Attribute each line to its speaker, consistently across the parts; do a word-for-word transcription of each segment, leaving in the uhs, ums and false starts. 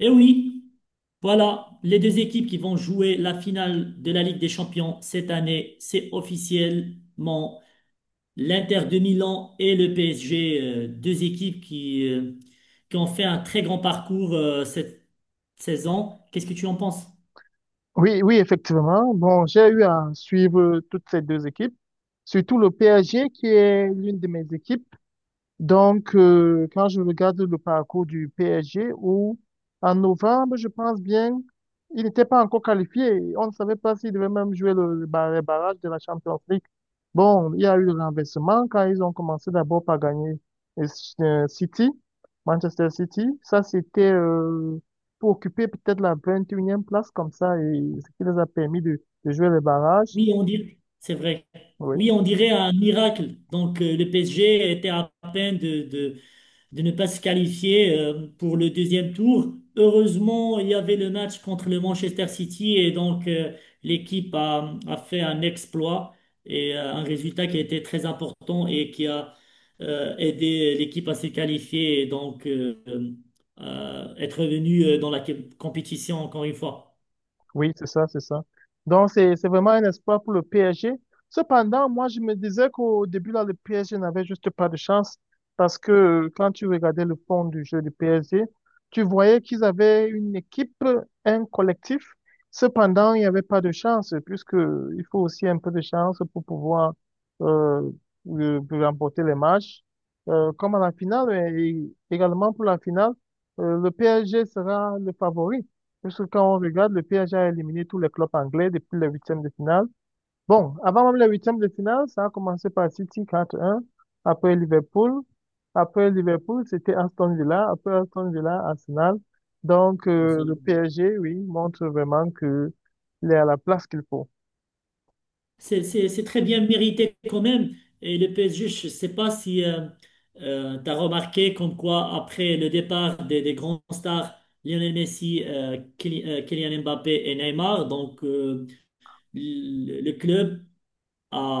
Speaker 1: Et oui, voilà, les deux équipes qui vont jouer la finale de la Ligue des Champions cette année, c'est officiellement l'Inter de Milan et le P S G, euh, deux équipes qui, euh, qui ont fait un très grand parcours euh, cette saison. Qu'est-ce que tu en penses?
Speaker 2: Oui, oui, effectivement. Bon, j'ai eu à suivre toutes ces deux équipes, surtout le P S G qui est l'une de mes équipes. Donc, euh, quand je regarde le parcours du P S G, où en novembre, je pense bien, il n'était pas encore qualifié. On ne savait pas s'il devait même jouer le, le bar- les barrages de la Champions League. Bon, il y a eu le renversement quand ils ont commencé d'abord par gagner euh, euh, City, Manchester City. Ça, c'était euh, pour occuper peut-être la vingt et unième place comme ça, et ce qui les a permis de, de jouer le barrage.
Speaker 1: Oui, on dirait, c'est vrai.
Speaker 2: Oui.
Speaker 1: Oui, on dirait un miracle. Donc, euh, le P S G était à peine de, de, de ne pas se qualifier euh, pour le deuxième tour. Heureusement, il y avait le match contre le Manchester City et donc euh, l'équipe a, a fait un exploit et euh, un résultat qui a été très important et qui a euh, aidé l'équipe à se qualifier et donc euh, euh, être revenue euh, dans la compétition encore une fois.
Speaker 2: Oui, c'est ça, c'est ça. Donc, c'est, c'est vraiment un espoir pour le P S G. Cependant, moi, je me disais qu'au début, là, le P S G n'avait juste pas de chance parce que euh, quand tu regardais le fond du jeu du P S G, tu voyais qu'ils avaient une équipe, un collectif. Cependant, il n'y avait pas de chance puisque euh, il faut aussi un peu de chance pour pouvoir euh, euh, remporter les matchs. Euh, comme à la finale, et également pour la finale, euh, le P S G sera le favori. Puisque quand on regarde, le P S G a éliminé tous les clubs anglais depuis les huitièmes de finale. Bon, avant même les huitièmes de finale, ça a commencé par City quatre un, après Liverpool. Après Liverpool, c'était Aston Villa. Après Aston Villa, Arsenal. Donc, euh, le P S G, oui, montre vraiment qu'il est à la place qu'il faut.
Speaker 1: C'est c'est- c'est très bien mérité quand même. Et le P S G, je ne sais pas si tu as remarqué comme quoi, après le départ des, des grands stars, Lionel Messi, euh, Kyli- euh, Kylian Mbappé et Neymar, donc euh, le le club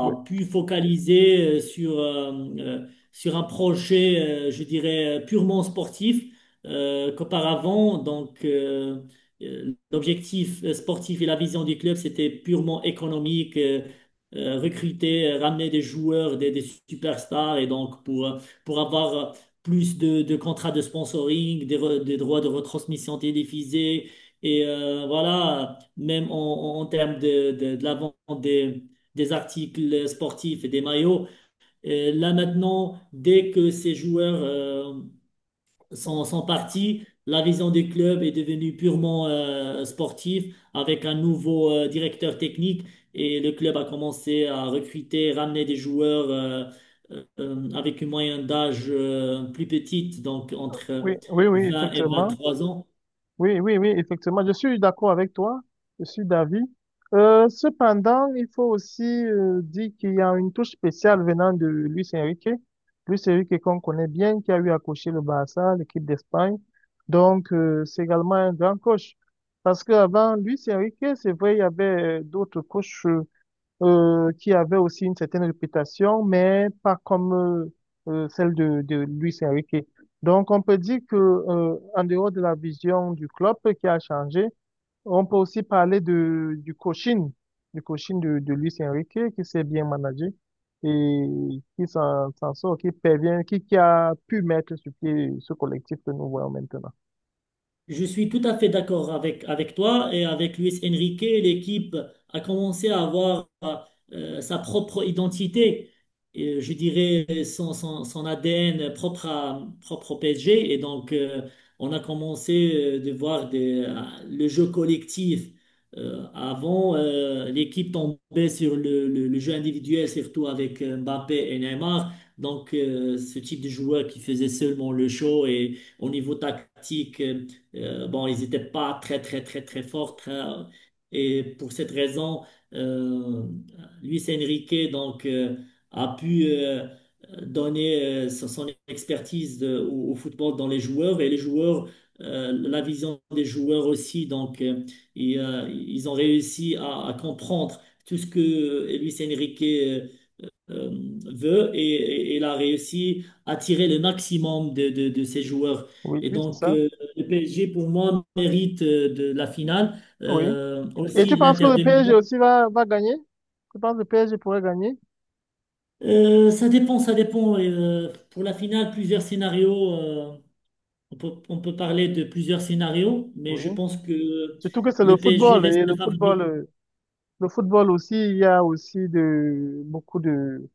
Speaker 2: Oui,
Speaker 1: pu focaliser euh, sur, euh, euh, sur un projet, euh, je dirais, euh, purement sportif, euh, qu'auparavant, donc, euh, euh, l'objectif euh, sportif et la vision du club, c'était purement économique, euh, euh, recruter, euh, ramener des joueurs, des, des superstars, et donc pour, euh, pour avoir euh, plus de, de contrats de sponsoring, des, re- des droits de retransmission télévisée, et euh, voilà, même en, en en termes de, de, de la vente des des articles sportifs et des maillots. Euh, là maintenant, dès que ces joueurs euh, sont, sont partis, la vision des clubs est devenue purement euh, sportive avec un nouveau euh, directeur technique et le club a commencé à recruter, ramener des joueurs euh, euh, euh, avec une moyenne d'âge euh, plus petite, donc entre
Speaker 2: oui, oui, oui,
Speaker 1: vingt et
Speaker 2: effectivement.
Speaker 1: vingt-trois ans.
Speaker 2: Oui, oui, oui, effectivement, je suis d'accord avec toi, je suis d'avis. Euh, cependant, il faut aussi euh, dire qu'il y a une touche spéciale venant de Luis Enrique. Luis Enrique qu'on connaît bien, qui a eu à coacher le Barça, l'équipe d'Espagne. Donc, euh, c'est également un grand coach. Parce qu'avant Luis Enrique, c'est vrai, il y avait euh, d'autres coachs euh, euh, qui avait aussi une certaine réputation, mais pas comme euh, euh, celle de, de Luis Enrique. Donc, on peut dire que euh, en dehors de la vision du club qui a changé, on peut aussi parler de, du coaching, du coaching de, de Luis Enrique qui s'est bien managé et qui s'en s'en sort, qui parvient, qui, qui a pu mettre sur pied ce collectif que nous voyons maintenant.
Speaker 1: Je suis tout à fait d'accord avec, avec toi et avec Luis Enrique. L'équipe a commencé à avoir euh, sa propre identité, et je dirais son, son, son A D N propre, à, propre au P S G. Et donc, euh, on a commencé euh, de voir des- euh, le jeu collectif. Euh, avant, euh, l'équipe tombait sur le, le- le jeu individuel, surtout avec euh, Mbappé et Neymar. Donc, euh, ce type de joueur qui faisait seulement le show et au niveau tactique. Euh, euh, bon, ils n'étaient pas très, très, très, très forts. très- Et pour cette raison, euh, Luis Enrique donc, euh, a pu euh, donner euh, son son expertise de- au, au football dans les joueurs et les joueurs, euh, la vision des joueurs aussi. Donc, euh, et, euh, ils ont réussi à, à comprendre tout ce que Luis Enrique euh, euh, veut et, et- et- il a réussi à tirer le maximum de, de, de ses joueurs.
Speaker 2: Oui,
Speaker 1: Et
Speaker 2: oui, c'est
Speaker 1: donc,
Speaker 2: ça.
Speaker 1: euh, le P S G, pour moi, mérite euh, de la finale.
Speaker 2: Oui.
Speaker 1: Euh,
Speaker 2: Et
Speaker 1: aussi,
Speaker 2: tu penses que
Speaker 1: l'Inter
Speaker 2: le
Speaker 1: de
Speaker 2: P S G
Speaker 1: Milan.
Speaker 2: aussi va, va gagner? Tu penses que le P S G pourrait gagner?
Speaker 1: Euh, ça dépend, ça dépend. Euh, pour la finale, plusieurs scénarios. Euh, on peut, on peut parler de plusieurs scénarios, mais
Speaker 2: Oui.
Speaker 1: je pense que
Speaker 2: Surtout que c'est
Speaker 1: le
Speaker 2: le
Speaker 1: P S G
Speaker 2: football et le
Speaker 1: reste
Speaker 2: football,
Speaker 1: favori.
Speaker 2: euh, le football aussi, il y a aussi de beaucoup de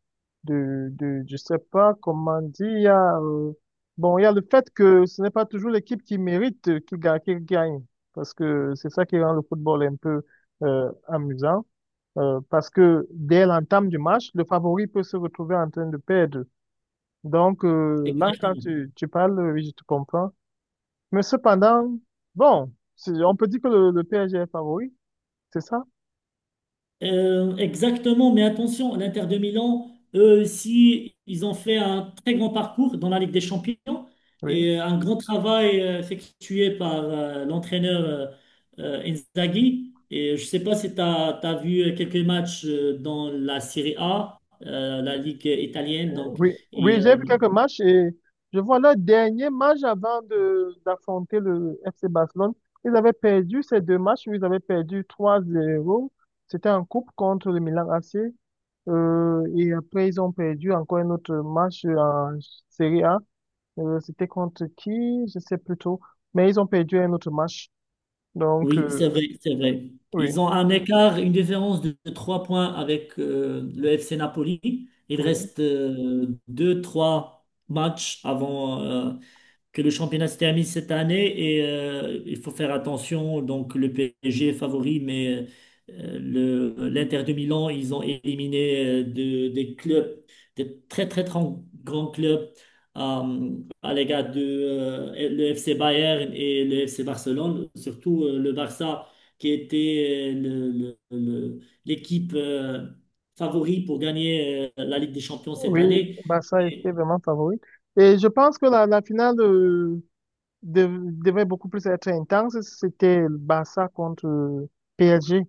Speaker 2: de de je sais pas comment dire, il y a euh, bon, il y a le fait que ce n'est pas toujours l'équipe qui mérite euh, qui gagne, qui gagne parce que c'est ça qui rend le football un peu euh, amusant euh, parce que dès l'entame du match, le favori peut se retrouver en train de perdre. Donc euh, là, quand
Speaker 1: Exactement.
Speaker 2: tu tu parles, oui, je te comprends. Mais cependant, bon, c'est- on peut dire que le, le P S G est favori. C'est ça?
Speaker 1: Euh, exactement, mais attention, l'Inter de Milan, eux aussi, ils ont fait un très grand parcours dans la Ligue des Champions
Speaker 2: Oui.
Speaker 1: et un grand travail euh, effectué par euh, l'entraîneur euh, euh, Inzaghi. Et je ne sais pas si tu as vu quelques matchs euh, dans la Serie A, euh, la Ligue italienne. Donc,
Speaker 2: Oui, oui, j'ai vu quelques matchs et je vois leur dernier match avant de d'affronter le F C Barcelone. Ils avaient perdu ces deux matchs, ils avaient perdu trois zéro. C'était en coupe contre le Milan A C. Euh, et après, ils ont perdu encore un autre match en Serie A. Euh, c'était contre qui? Je sais plus trop. Mais ils ont perdu un autre match. Donc,
Speaker 1: oui, c'est
Speaker 2: euh,
Speaker 1: vrai, c'est vrai.
Speaker 2: oui,
Speaker 1: Ils ont un écart, une différence de de trois points avec euh, le F C Napoli. Il
Speaker 2: oui,
Speaker 1: reste euh, deux trois matchs avant, euh, que le championnat se termine cette année et euh, il faut faire attention. Donc, le P S G est favori, mais euh, le, l'Inter de Milan, ils ont éliminé euh, de- des clubs, des très, très, très grands clubs euh, à l'égard de euh, le F C Bayern et le F C Barcelone, surtout euh, le Barça, qui était euh, le- le- le- l'équipe euh, favori pour gagner euh, la Ligue des Champions cette
Speaker 2: oui,
Speaker 1: année.
Speaker 2: Barça était
Speaker 1: Et
Speaker 2: vraiment favori. Et je pense que la, la finale, euh, dev- devait beaucoup plus être intense, c'était le Barça contre P S G.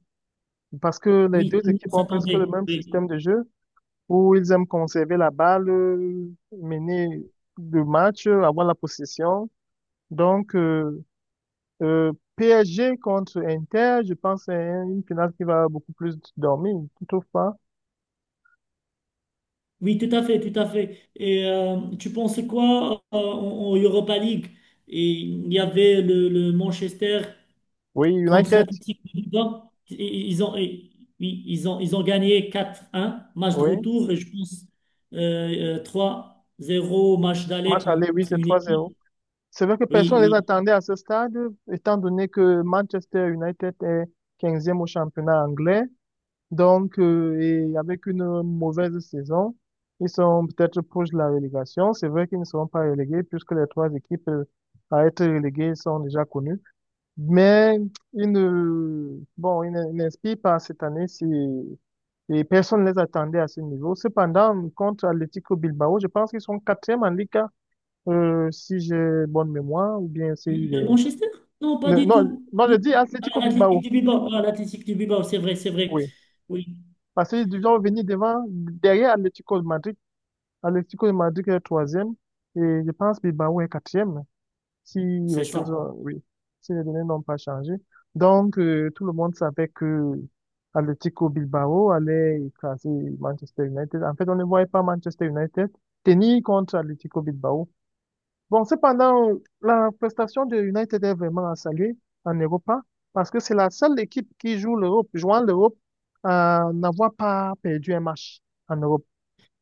Speaker 2: Parce que les
Speaker 1: oui,
Speaker 2: deux
Speaker 1: tout le monde
Speaker 2: équipes ont presque le
Speaker 1: s'attendait.
Speaker 2: même
Speaker 1: Oui.
Speaker 2: système de jeu où ils aiment conserver la balle, euh, mener le match, euh, avoir la possession. Donc, euh, euh, P S G contre Inter, je pense que c'est une finale qui va beaucoup plus dormir, tu trouves pas?
Speaker 1: Oui, tout à fait, tout à fait. Et euh, tu pensais quoi euh, en, en Europa League? Et il y avait le, le Manchester
Speaker 2: Oui,
Speaker 1: contre
Speaker 2: United,
Speaker 1: l'Athletic de Bilbao. Et Ils ont, et- oui, ils ont, ils ont gagné quatre un match de
Speaker 2: oui.
Speaker 1: retour, et je pense euh, euh, trois zéro, match d'aller
Speaker 2: Match
Speaker 1: contre
Speaker 2: aller, oui, c'est
Speaker 1: une
Speaker 2: trois zéro.
Speaker 1: équipe.
Speaker 2: C'est vrai que
Speaker 1: Oui,
Speaker 2: personne ne les
Speaker 1: oui.
Speaker 2: attendait à ce stade, étant donné que Manchester United est quinzième au championnat anglais. Donc, euh, et avec une mauvaise saison, ils sont peut-être proches de la relégation. C'est vrai qu'ils ne seront pas relégués puisque les trois équipes euh, à être reléguées sont déjà connues. Mais ils ne, bon, ils ne- ils n'inspirent pas cette année si, et personne ne les attendait à ce niveau. Cependant, contre Atlético Bilbao, je pense qu'ils sont quatrième en Liga euh, si j'ai bonne mémoire, ou bien si il
Speaker 1: Le
Speaker 2: est...
Speaker 1: Manchester? Non, pas
Speaker 2: Non,
Speaker 1: du
Speaker 2: non,
Speaker 1: tout.
Speaker 2: non, je dis
Speaker 1: Ah,
Speaker 2: Atlético
Speaker 1: l'Athletic
Speaker 2: Bilbao,
Speaker 1: de Bilbao, ah, l'Athletic de Bilbao, c'est vrai, c'est vrai.
Speaker 2: oui.
Speaker 1: Oui,
Speaker 2: Parce qu'ils ont venir devant, derrière Atlético de Madrid. Atlético de Madrid est troisième, et je pense Bilbao est quatrième, si les
Speaker 1: c'est
Speaker 2: choses,
Speaker 1: ça.
Speaker 2: ont- oui, si les données n'ont pas changé. Donc, euh, tout le monde savait que Atlético Bilbao allait écraser Manchester United. En fait, on ne voyait pas Manchester United tenir contre Atlético Bilbao. Bon, cependant, la prestation de United est vraiment à saluer en Europa parce que c'est la seule équipe qui joue l'Europe, jouant l'Europe, à n'avoir pas perdu un match en Europe.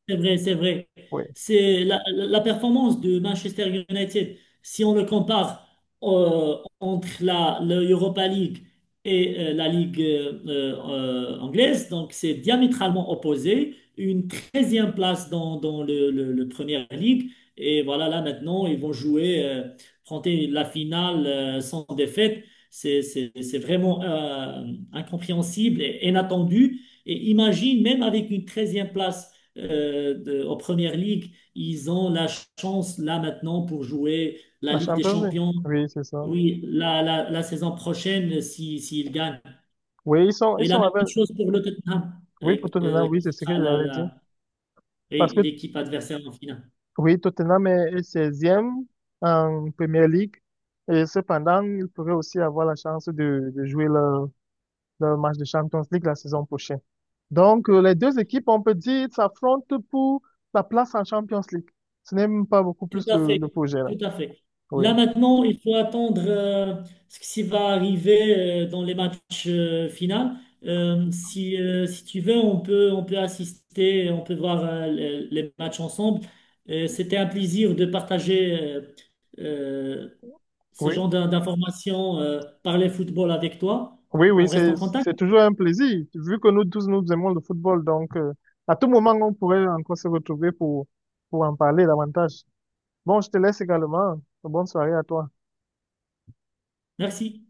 Speaker 1: C'est vrai, c'est vrai.
Speaker 2: Oui,
Speaker 1: C'est la, la- la performance de Manchester United, si on le compare euh, entre la, l'Europa League et euh, la Ligue euh, euh, anglaise, donc c'est diamétralement opposé. Une treizième place dans, dans le, le, le Premier League. Et voilà, là maintenant, ils vont jouer, euh, affronter la finale euh, sans défaite. C'est c'est- c'est vraiment euh, incompréhensible et inattendu. Et imagine, même avec une treizième place euh, de- aux Premières Ligues, ils ont la chance là maintenant pour jouer la
Speaker 2: à
Speaker 1: Ligue des
Speaker 2: Champions League.
Speaker 1: Champions.
Speaker 2: Oui, c'est ça.
Speaker 1: Oui, la, la, la saison prochaine, si, s'ils gagnent.
Speaker 2: Oui, ils sont, ils
Speaker 1: Et la
Speaker 2: sont avec,
Speaker 1: même chose pour le Tottenham,
Speaker 2: oui,
Speaker 1: euh,
Speaker 2: pour Tottenham,
Speaker 1: euh,
Speaker 2: oui,
Speaker 1: qui
Speaker 2: c'est ce
Speaker 1: sera
Speaker 2: que
Speaker 1: la,
Speaker 2: j'avais dit.
Speaker 1: la-
Speaker 2: Parce
Speaker 1: et
Speaker 2: que,
Speaker 1: l'équipe adversaire en finale.
Speaker 2: oui, Tottenham est est seize en Première Ligue et cependant, ils pourraient aussi avoir la chance de, de jouer la dans le match de Champions League la saison prochaine. Donc, euh, les deux équipes, on peut dire, s'affrontent pour la place en Champions League. Ce n'est même pas beaucoup plus
Speaker 1: Tout à
Speaker 2: le,
Speaker 1: fait,
Speaker 2: le projet, là.
Speaker 1: tout à fait.
Speaker 2: Oui,
Speaker 1: Là maintenant, il faut attendre euh, ce qui va arriver euh, dans les matchs euh, finaux. Euh, si, euh, si tu veux, on peut, on peut assister, on peut voir euh, les, les matchs ensemble. Euh, c'était un plaisir de partager euh, euh, ce
Speaker 2: oui,
Speaker 1: genre d'in- d'informations euh, par les football avec toi.
Speaker 2: oui,
Speaker 1: On
Speaker 2: oui,
Speaker 1: reste
Speaker 2: c'est,
Speaker 1: en contact.
Speaker 2: c'est toujours un plaisir, vu que nous tous, nous aimons le football. Donc, euh, à tout moment, on pourrait encore se retrouver pour, pour en parler davantage. Bon, je te laisse également. Bonne soirée à toi.
Speaker 1: Merci.